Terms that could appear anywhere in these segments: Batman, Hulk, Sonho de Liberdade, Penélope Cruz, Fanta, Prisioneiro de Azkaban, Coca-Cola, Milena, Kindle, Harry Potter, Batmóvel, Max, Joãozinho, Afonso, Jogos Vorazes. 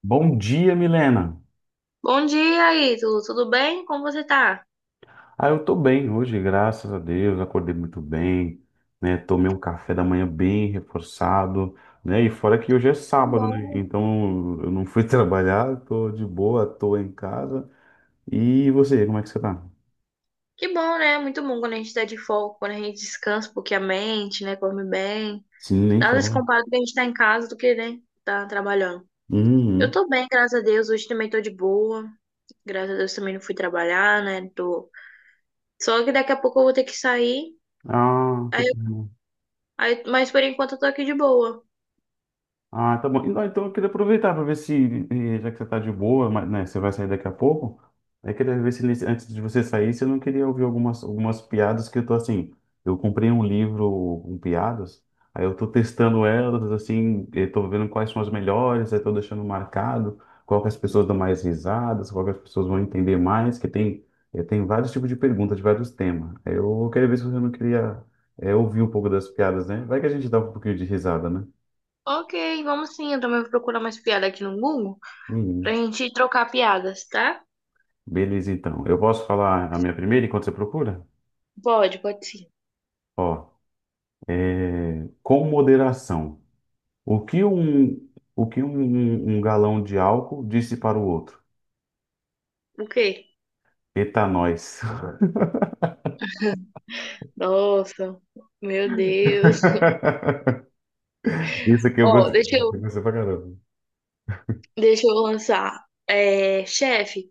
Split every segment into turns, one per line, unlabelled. Bom dia, Milena.
Bom dia, Ítalo. Tudo bem? Como você tá?
Ah, eu tô bem hoje, graças a Deus. Acordei muito bem, né? Tomei um café da manhã bem reforçado, né? E fora que hoje é sábado, né?
Bom.
Então eu não fui trabalhar, tô de boa, tô em casa. E você, como é que você tá?
Que bom, né? Muito bom quando a gente tá de folga, quando a gente descansa um pouquinho a mente, né? Come bem.
Sim, nem
Nada se
fala.
compara com a gente tá em casa do que, né? Tá trabalhando. Eu
Uhum.
tô bem, graças a Deus. Hoje também tô de boa. Graças a Deus também não fui trabalhar, né? Tô... Só que daqui a pouco eu vou ter que sair.
Ah, que
Aí,
pena.
mas por enquanto eu tô aqui de boa.
Ah, tá bom. Então eu queria aproveitar para ver se, já que você tá de boa, mas, né, você vai sair daqui a pouco, eu queria ver se antes de você sair, você não queria ouvir algumas piadas que eu tô assim. Eu comprei um livro com piadas, aí eu tô testando elas, assim, eu tô vendo quais são as melhores, aí tô deixando marcado qual que as pessoas dão mais risadas, qual que as pessoas vão entender mais, que tem, tem vários tipos de perguntas, de vários temas. Aí eu queria ver se você não queria, ouvir um pouco das piadas, né? Vai que a gente dá um pouquinho de risada, né?
Ok, vamos sim. Eu também vou procurar mais piada aqui no Google pra
Uhum.
gente trocar piadas, tá?
Beleza, então. Eu posso falar a minha primeira enquanto você procura?
Pode, pode sim.
Ó, é, com moderação. O que um, o que um galão de álcool disse para o outro?
O quê?
Eita, nós.
Nossa, meu Deus.
Isso aqui eu
Ó,
gostei. Eu gostei pra caramba.
deixa eu lançar. É, chefe,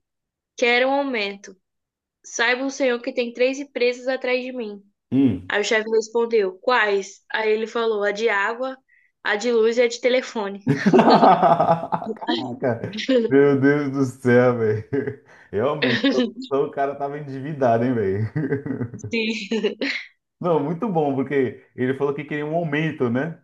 quero um aumento. Saiba o senhor que tem três empresas atrás de mim.
Hum.
Aí o chefe respondeu, quais? Aí ele falou, a de água, a de luz e a de telefone.
Caraca. Meu Deus do céu, velho. Realmente, o cara tava endividado, hein, velho.
Sim.
Não, muito bom, porque ele falou que queria um aumento, né?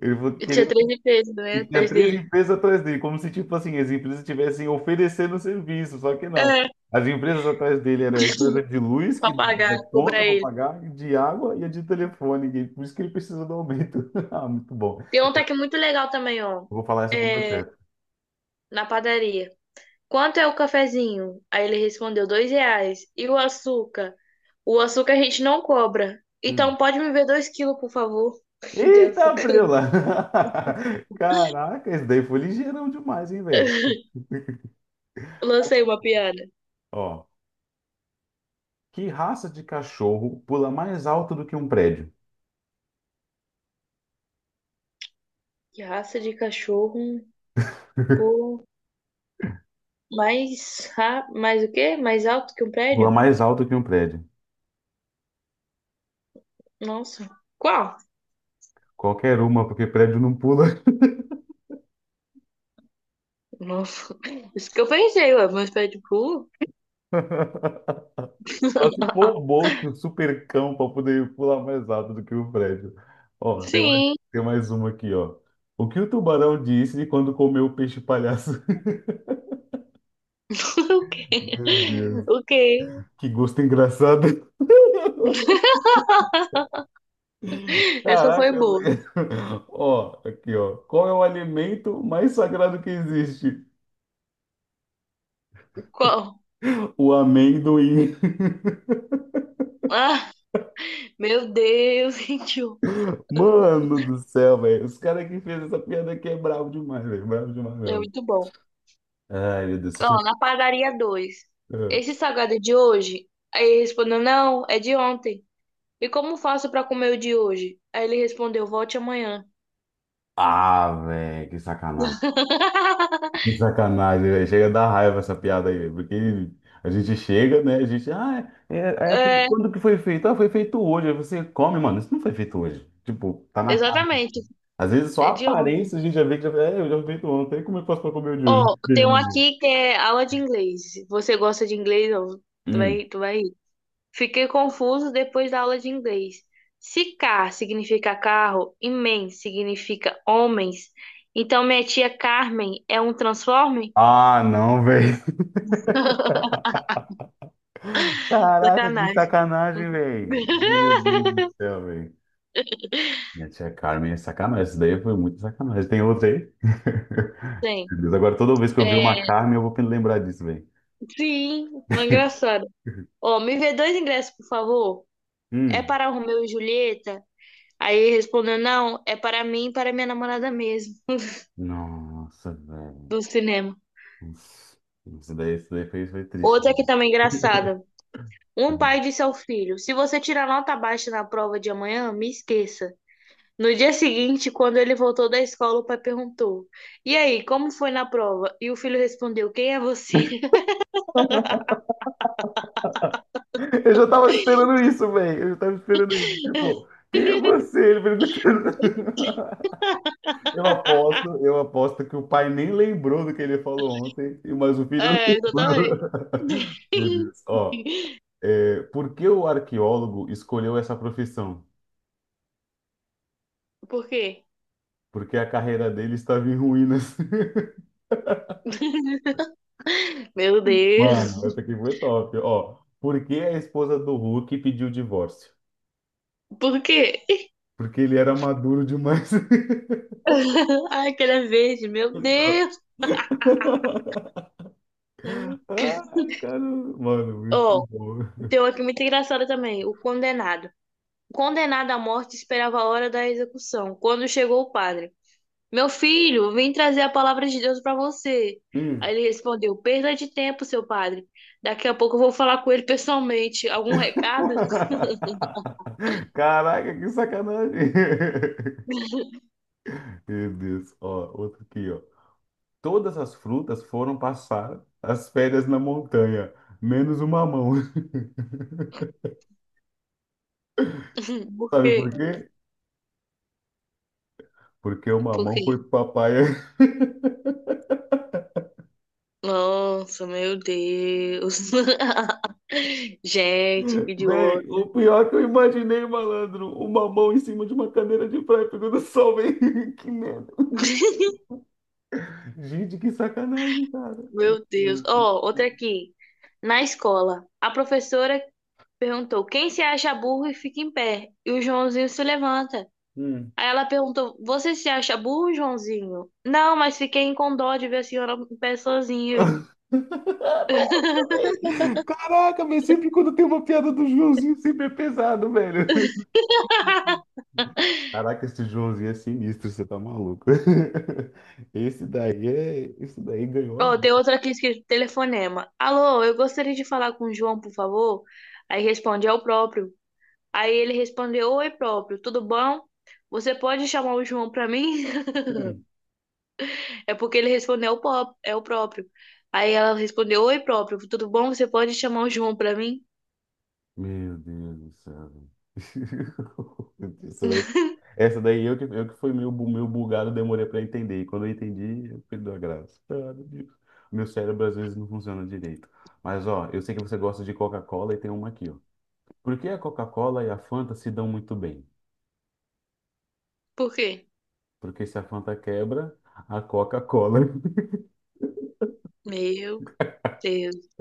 Ele falou
Eu
que
tinha três empresas, né,
e tinha
atrás
três
dele.
empresas atrás dele, como se, tipo assim, as empresas estivessem oferecendo serviço, só que não.
É,
As empresas atrás dele era a empresa de luz, que
pra pagar,
é
cobrar
conta para
ele.
pagar, e de água e a de telefone, e por isso que ele precisa do aumento. Ah, muito bom.
Tem um que é muito legal também, ó.
Eu vou falar essa pro meu
É,
chefe.
na padaria. Quanto é o cafezinho? Aí ele respondeu, R$ 2. E o açúcar? O açúcar a gente não cobra.
Hum.
Então pode me ver 2 quilos, por favor, de
Eita,
açúcar.
Prela! Caraca, esse daí foi ligeirão demais, hein, velho?
Lancei uma piada.
Ó, que raça de cachorro pula mais alto do que um prédio?
Que raça de cachorro pô, mais o quê? Mais alto que um
Pula
prédio?
mais alto que um prédio.
Nossa. Qual?
Qualquer uma, porque prédio não pula.
Nossa. Isso que eu pensei, ué. Meus pés de pulo?
Só se
Ah,
for o Bolt, um super cão, para poder pular mais alto do que o Fred. Ó,
sim.
tem mais uma aqui, ó. O que o tubarão disse de quando comeu o peixe palhaço?
Ok.
Meu Deus,
Ok.
que gosto engraçado.
Essa foi
Caraca,
boa.
velho. Ó, aqui, ó. Qual é o alimento mais sagrado que existe?
Qual?
O amendoim.
Ah, meu Deus, gente.
Mano do céu, velho. Os caras que fez essa piada aqui é bravo demais, velho. Bravo demais
É
mesmo.
muito bom.
Ai, meu Deus. Você
Ó, na padaria 2. Esse salgado é de hoje? Aí ele respondeu, não, é de ontem. E como faço pra comer o de hoje? Aí ele respondeu, volte amanhã.
Ah, ah, velho, que sacanagem. Que sacanagem, velho. Chega a dar raiva essa piada aí, velho, porque a gente chega, né? A gente, ah, é, é- é,
É,
quando que foi feito? Ah, foi feito hoje. Aí você come, mano, isso não foi feito hoje. Tipo, tá na cara.
exatamente,
Às vezes só a
é de ontem.
aparência a gente já vê que já, é, eu já fui feito ontem, como eu faço pra comer o de
Ó,
hoje?
tem um
Mesmo, velho.
aqui que é aula de inglês. Você gosta de inglês? Ó,
Hum.
tu vai rir. Fiquei confuso depois da aula de inglês. Se car significa carro e men significa homens, então minha tia Carmen é um transforme?
Ah, não, velho. Caraca, que
Sacanagem.
sacanagem, velho. Meu Deus do céu, velho. Minha tia Carmen é sacanagem. Isso daí foi muito sacanagem. Tem outra aí?
Sim.
Meu Deus, agora toda vez que eu ver
É,
uma Carmen, eu vou lembrar disso,
sim, uma engraçada. Ó, me vê dois ingressos, por favor. É
velho.
para Romeu e Julieta? Aí ele respondeu, não, é para mim e para minha namorada mesmo,
Nossa, velho.
do cinema.
Nossa. Isso daí foi, triste.
Outra que também é engraçada. Um
Uhum.
pai disse ao filho, se você tirar nota baixa na prova de amanhã, me esqueça. No dia seguinte, quando ele voltou da escola, o pai perguntou, e aí, como foi na prova? E o filho respondeu, quem é você?
Eu já tava esperando isso, velho. Eu já tava esperando isso. Tipo, quem é você? Ele perguntando. Eu aposto que o pai nem lembrou do que ele falou ontem, mas o filho
É, exatamente.
lembrou. Meu Deus. Ó, por que o arqueólogo escolheu essa profissão?
Por quê?
Porque a carreira dele estava em ruínas.
Meu Deus.
Mano, essa aqui foi top. Ó, por que a esposa do Hulk pediu divórcio?
Por quê?
Porque ele era maduro demais.
Ai, que ele é verde, meu
Exato.
Deus. Uhum.
Ai, cara, mano, muito
Ó,
bom.
tem uma aqui muito engraçada também, o condenado. O condenado à morte esperava a hora da execução, quando chegou o padre. Meu filho, vim trazer a palavra de Deus para você.
Hum.
Aí ele respondeu, perda de tempo, seu padre. Daqui a pouco eu vou falar com ele pessoalmente. Algum recado?
Caraca, que sacanagem. Meu Deus, ó, outro aqui, ó. Todas as frutas foram passar as férias na montanha, menos o mamão.
Por
Sabe
quê?
por quê? Porque o
Por
mamão
quê?
foi pro papai.
Nossa, meu Deus. Gente, que
Véi, o
idiota.
pior que eu imaginei, malandro, o mamão em cima de uma cadeira de praia pegando sol, véi. Que merda. Gente, que sacanagem, cara.
Meu Deus.
Hum.
Ó, outra aqui. Na escola, a professora perguntou: quem se acha burro e fica em pé? E o Joãozinho se levanta. Aí ela perguntou: você se acha burro, Joãozinho? Não, mas fiquei com dó de ver a senhora em pé sozinha.
Nossa, velho. Caraca, mas sempre quando tem uma piada do Joãozinho, sempre é pesado, velho. Caraca, esse Joãozinho é sinistro, você tá maluco. Esse daí é. Esse daí ganhou a
Ó,
vida.
tem outra aqui escrito telefonema. Alô, eu gostaria de falar com o João, por favor. Aí responde, é o próprio. Aí ele respondeu, oi, próprio, tudo bom? Você pode chamar o João pra mim?
Né?
É porque ele respondeu, é o próprio. Aí ela respondeu, oi, próprio, tudo bom? Você pode chamar o João pra mim?
Meu Deus do céu. Isso daí- Essa daí eu que fui meio, meio bugado, demorei pra entender. E quando eu entendi, eu perdi a graça. Ah, meu Deus. Meu cérebro às vezes não funciona direito. Mas ó, eu sei que você gosta de Coca-Cola e tem uma aqui, ó. Por que a Coca-Cola e a Fanta se dão muito bem?
Por quê?
Porque se a Fanta quebra, a Coca-Cola.
Meu Deus.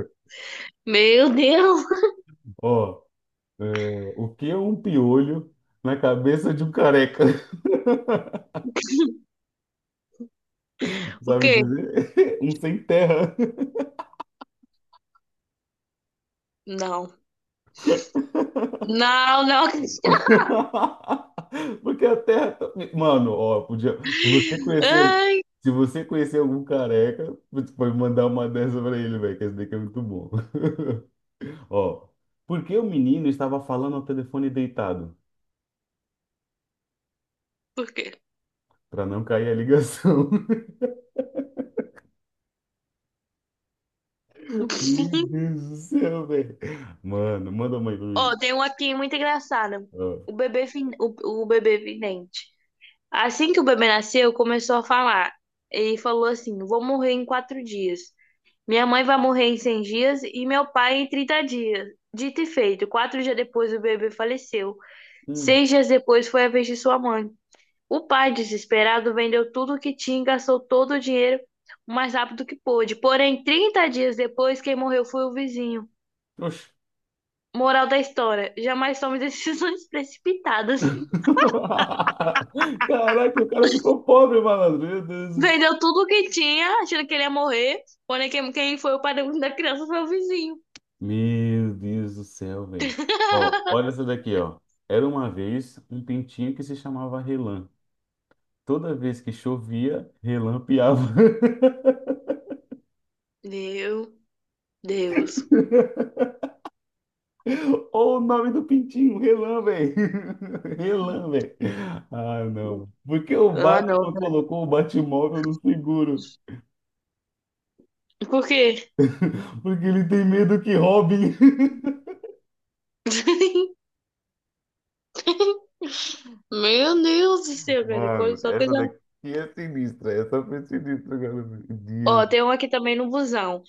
Meu Deus!
Ó, é, o que é um piolho na cabeça de um careca?
O
Sabe
quê?
dizer? Um sem terra.
Não. Não, não.
Porque a terra. Mano, ó, podia. Se você conhecer,
Ai,
se você conhecer algum careca, putz, pode mandar uma dessa pra ele, velho, que esse daqui é muito bom. Ó, por que o menino estava falando ao telefone deitado?
por quê?
Pra não cair a ligação. Meu Deus do céu, velho. Mano, manda uma aí pra mim.
Ó, tem um aqui muito engraçado.
Ó.
O bebê vidente. Assim que o bebê nasceu, começou a falar. E falou assim: vou morrer em 4 dias. Minha mãe vai morrer em 100 dias e meu pai em 30 dias. Dito e feito, 4 dias depois o bebê faleceu.
Hum.
6 dias depois foi a vez de sua mãe. O pai, desesperado, vendeu tudo o que tinha e gastou todo o dinheiro o mais rápido que pôde. Porém, 30 dias depois, quem morreu foi o vizinho.
Oxe.
Moral da história: jamais tome decisões precipitadas.
Caraca, o cara ficou pobre, malandro. Meu Deus do céu.
Vendeu tudo o que tinha, achando que ele ia morrer. Porém, quem foi o pai da criança foi o vizinho.
Meu Deus do céu, velho. Ó, olha essa daqui, ó. Era uma vez um pintinho que se chamava Relan. Toda vez que chovia, Relan piava.
Meu Deus.
Olha o nome do pintinho, Relan, velho. Relan, velho. Ah, não. Por que o
Ah, não.
Batman colocou o Batmóvel no seguro?
Por quê?
Porque ele tem medo que roubem.
Meu Deus do céu, cara.
Mano,
Só
essa
coisa.
daqui é sinistra. Essa foi sinistra, cara. Meu Deus.
Ó, tem um aqui também no busão.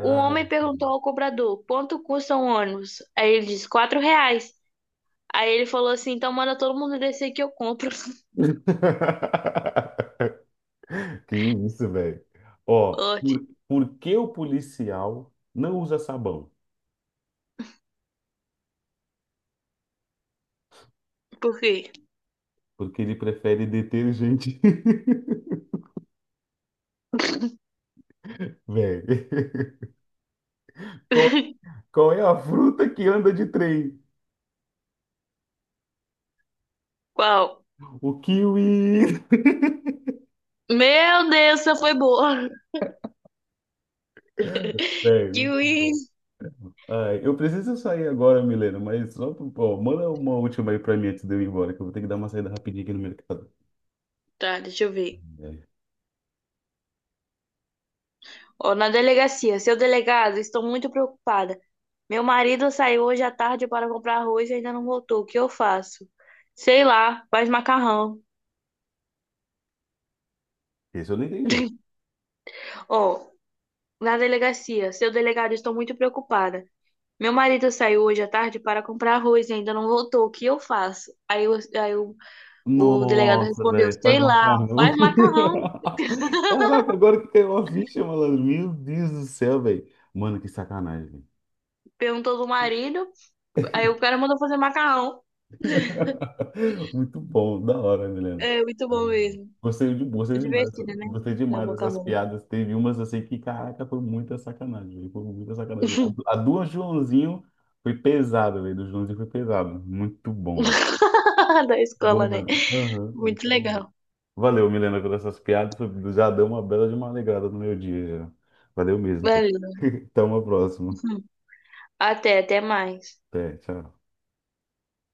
Um homem perguntou ao cobrador: quanto custa um ônibus? Aí ele disse: R$ 4. Aí ele falou assim: então manda todo mundo descer que eu compro.
Que isso, velho. Ó,
Ótimo.
por que o policial não usa sabão?
Por quê?
Porque ele prefere detergente. Velho, qual, qual é a fruta que anda de trem?
Qual?
O kiwi.
Meu Deus, essa foi boa.
Velho,
Kiwi.
ai, eu preciso sair agora, Milena, mas só, ó, manda uma última aí pra mim antes de eu ir embora, que eu vou ter que dar uma saída rapidinha aqui no mercado.
Tá, deixa eu ver.
É.
Ó, na delegacia, seu delegado, estou muito preocupada. Meu marido saiu hoje à tarde para comprar arroz e ainda não voltou. O que eu faço? Sei lá, faz macarrão.
Esse eu não entendi.
Ó, na delegacia, seu delegado, estou muito preocupada. Meu marido saiu hoje à tarde para comprar arroz e ainda não voltou. O que eu faço? Aí o delegado
Nossa,
respondeu:
velho, faz
sei lá, faz
macarrão.
macarrão.
Caraca, agora que caiu uma ficha, malandro. Meu Deus do céu, velho. Mano, que sacanagem.
Perguntou do marido. Aí o cara mandou fazer macarrão.
Muito bom, da hora, Milena.
É muito bom
Ai,
mesmo.
Gostei, de, gostei demais, dessa-
Divertido, né?
gostei
Da
demais
boca a
dessas
mão.
piadas. Teve umas assim que, caraca, foi muita sacanagem, velho. Foi muita sacanagem. A do Joãozinho foi pesada, velho. Do Joãozinho foi pesado. Muito bom, velho.
Da
Bom,
escola, né?
mesmo. Aham, muito
Muito
bom.
legal.
Valeu, Milena, por essas piadas. Já deu uma bela de uma alegrada no meu dia. Valeu mesmo. Então,
Valeu.
até uma próxima.
Até, até mais.
Até, tchau.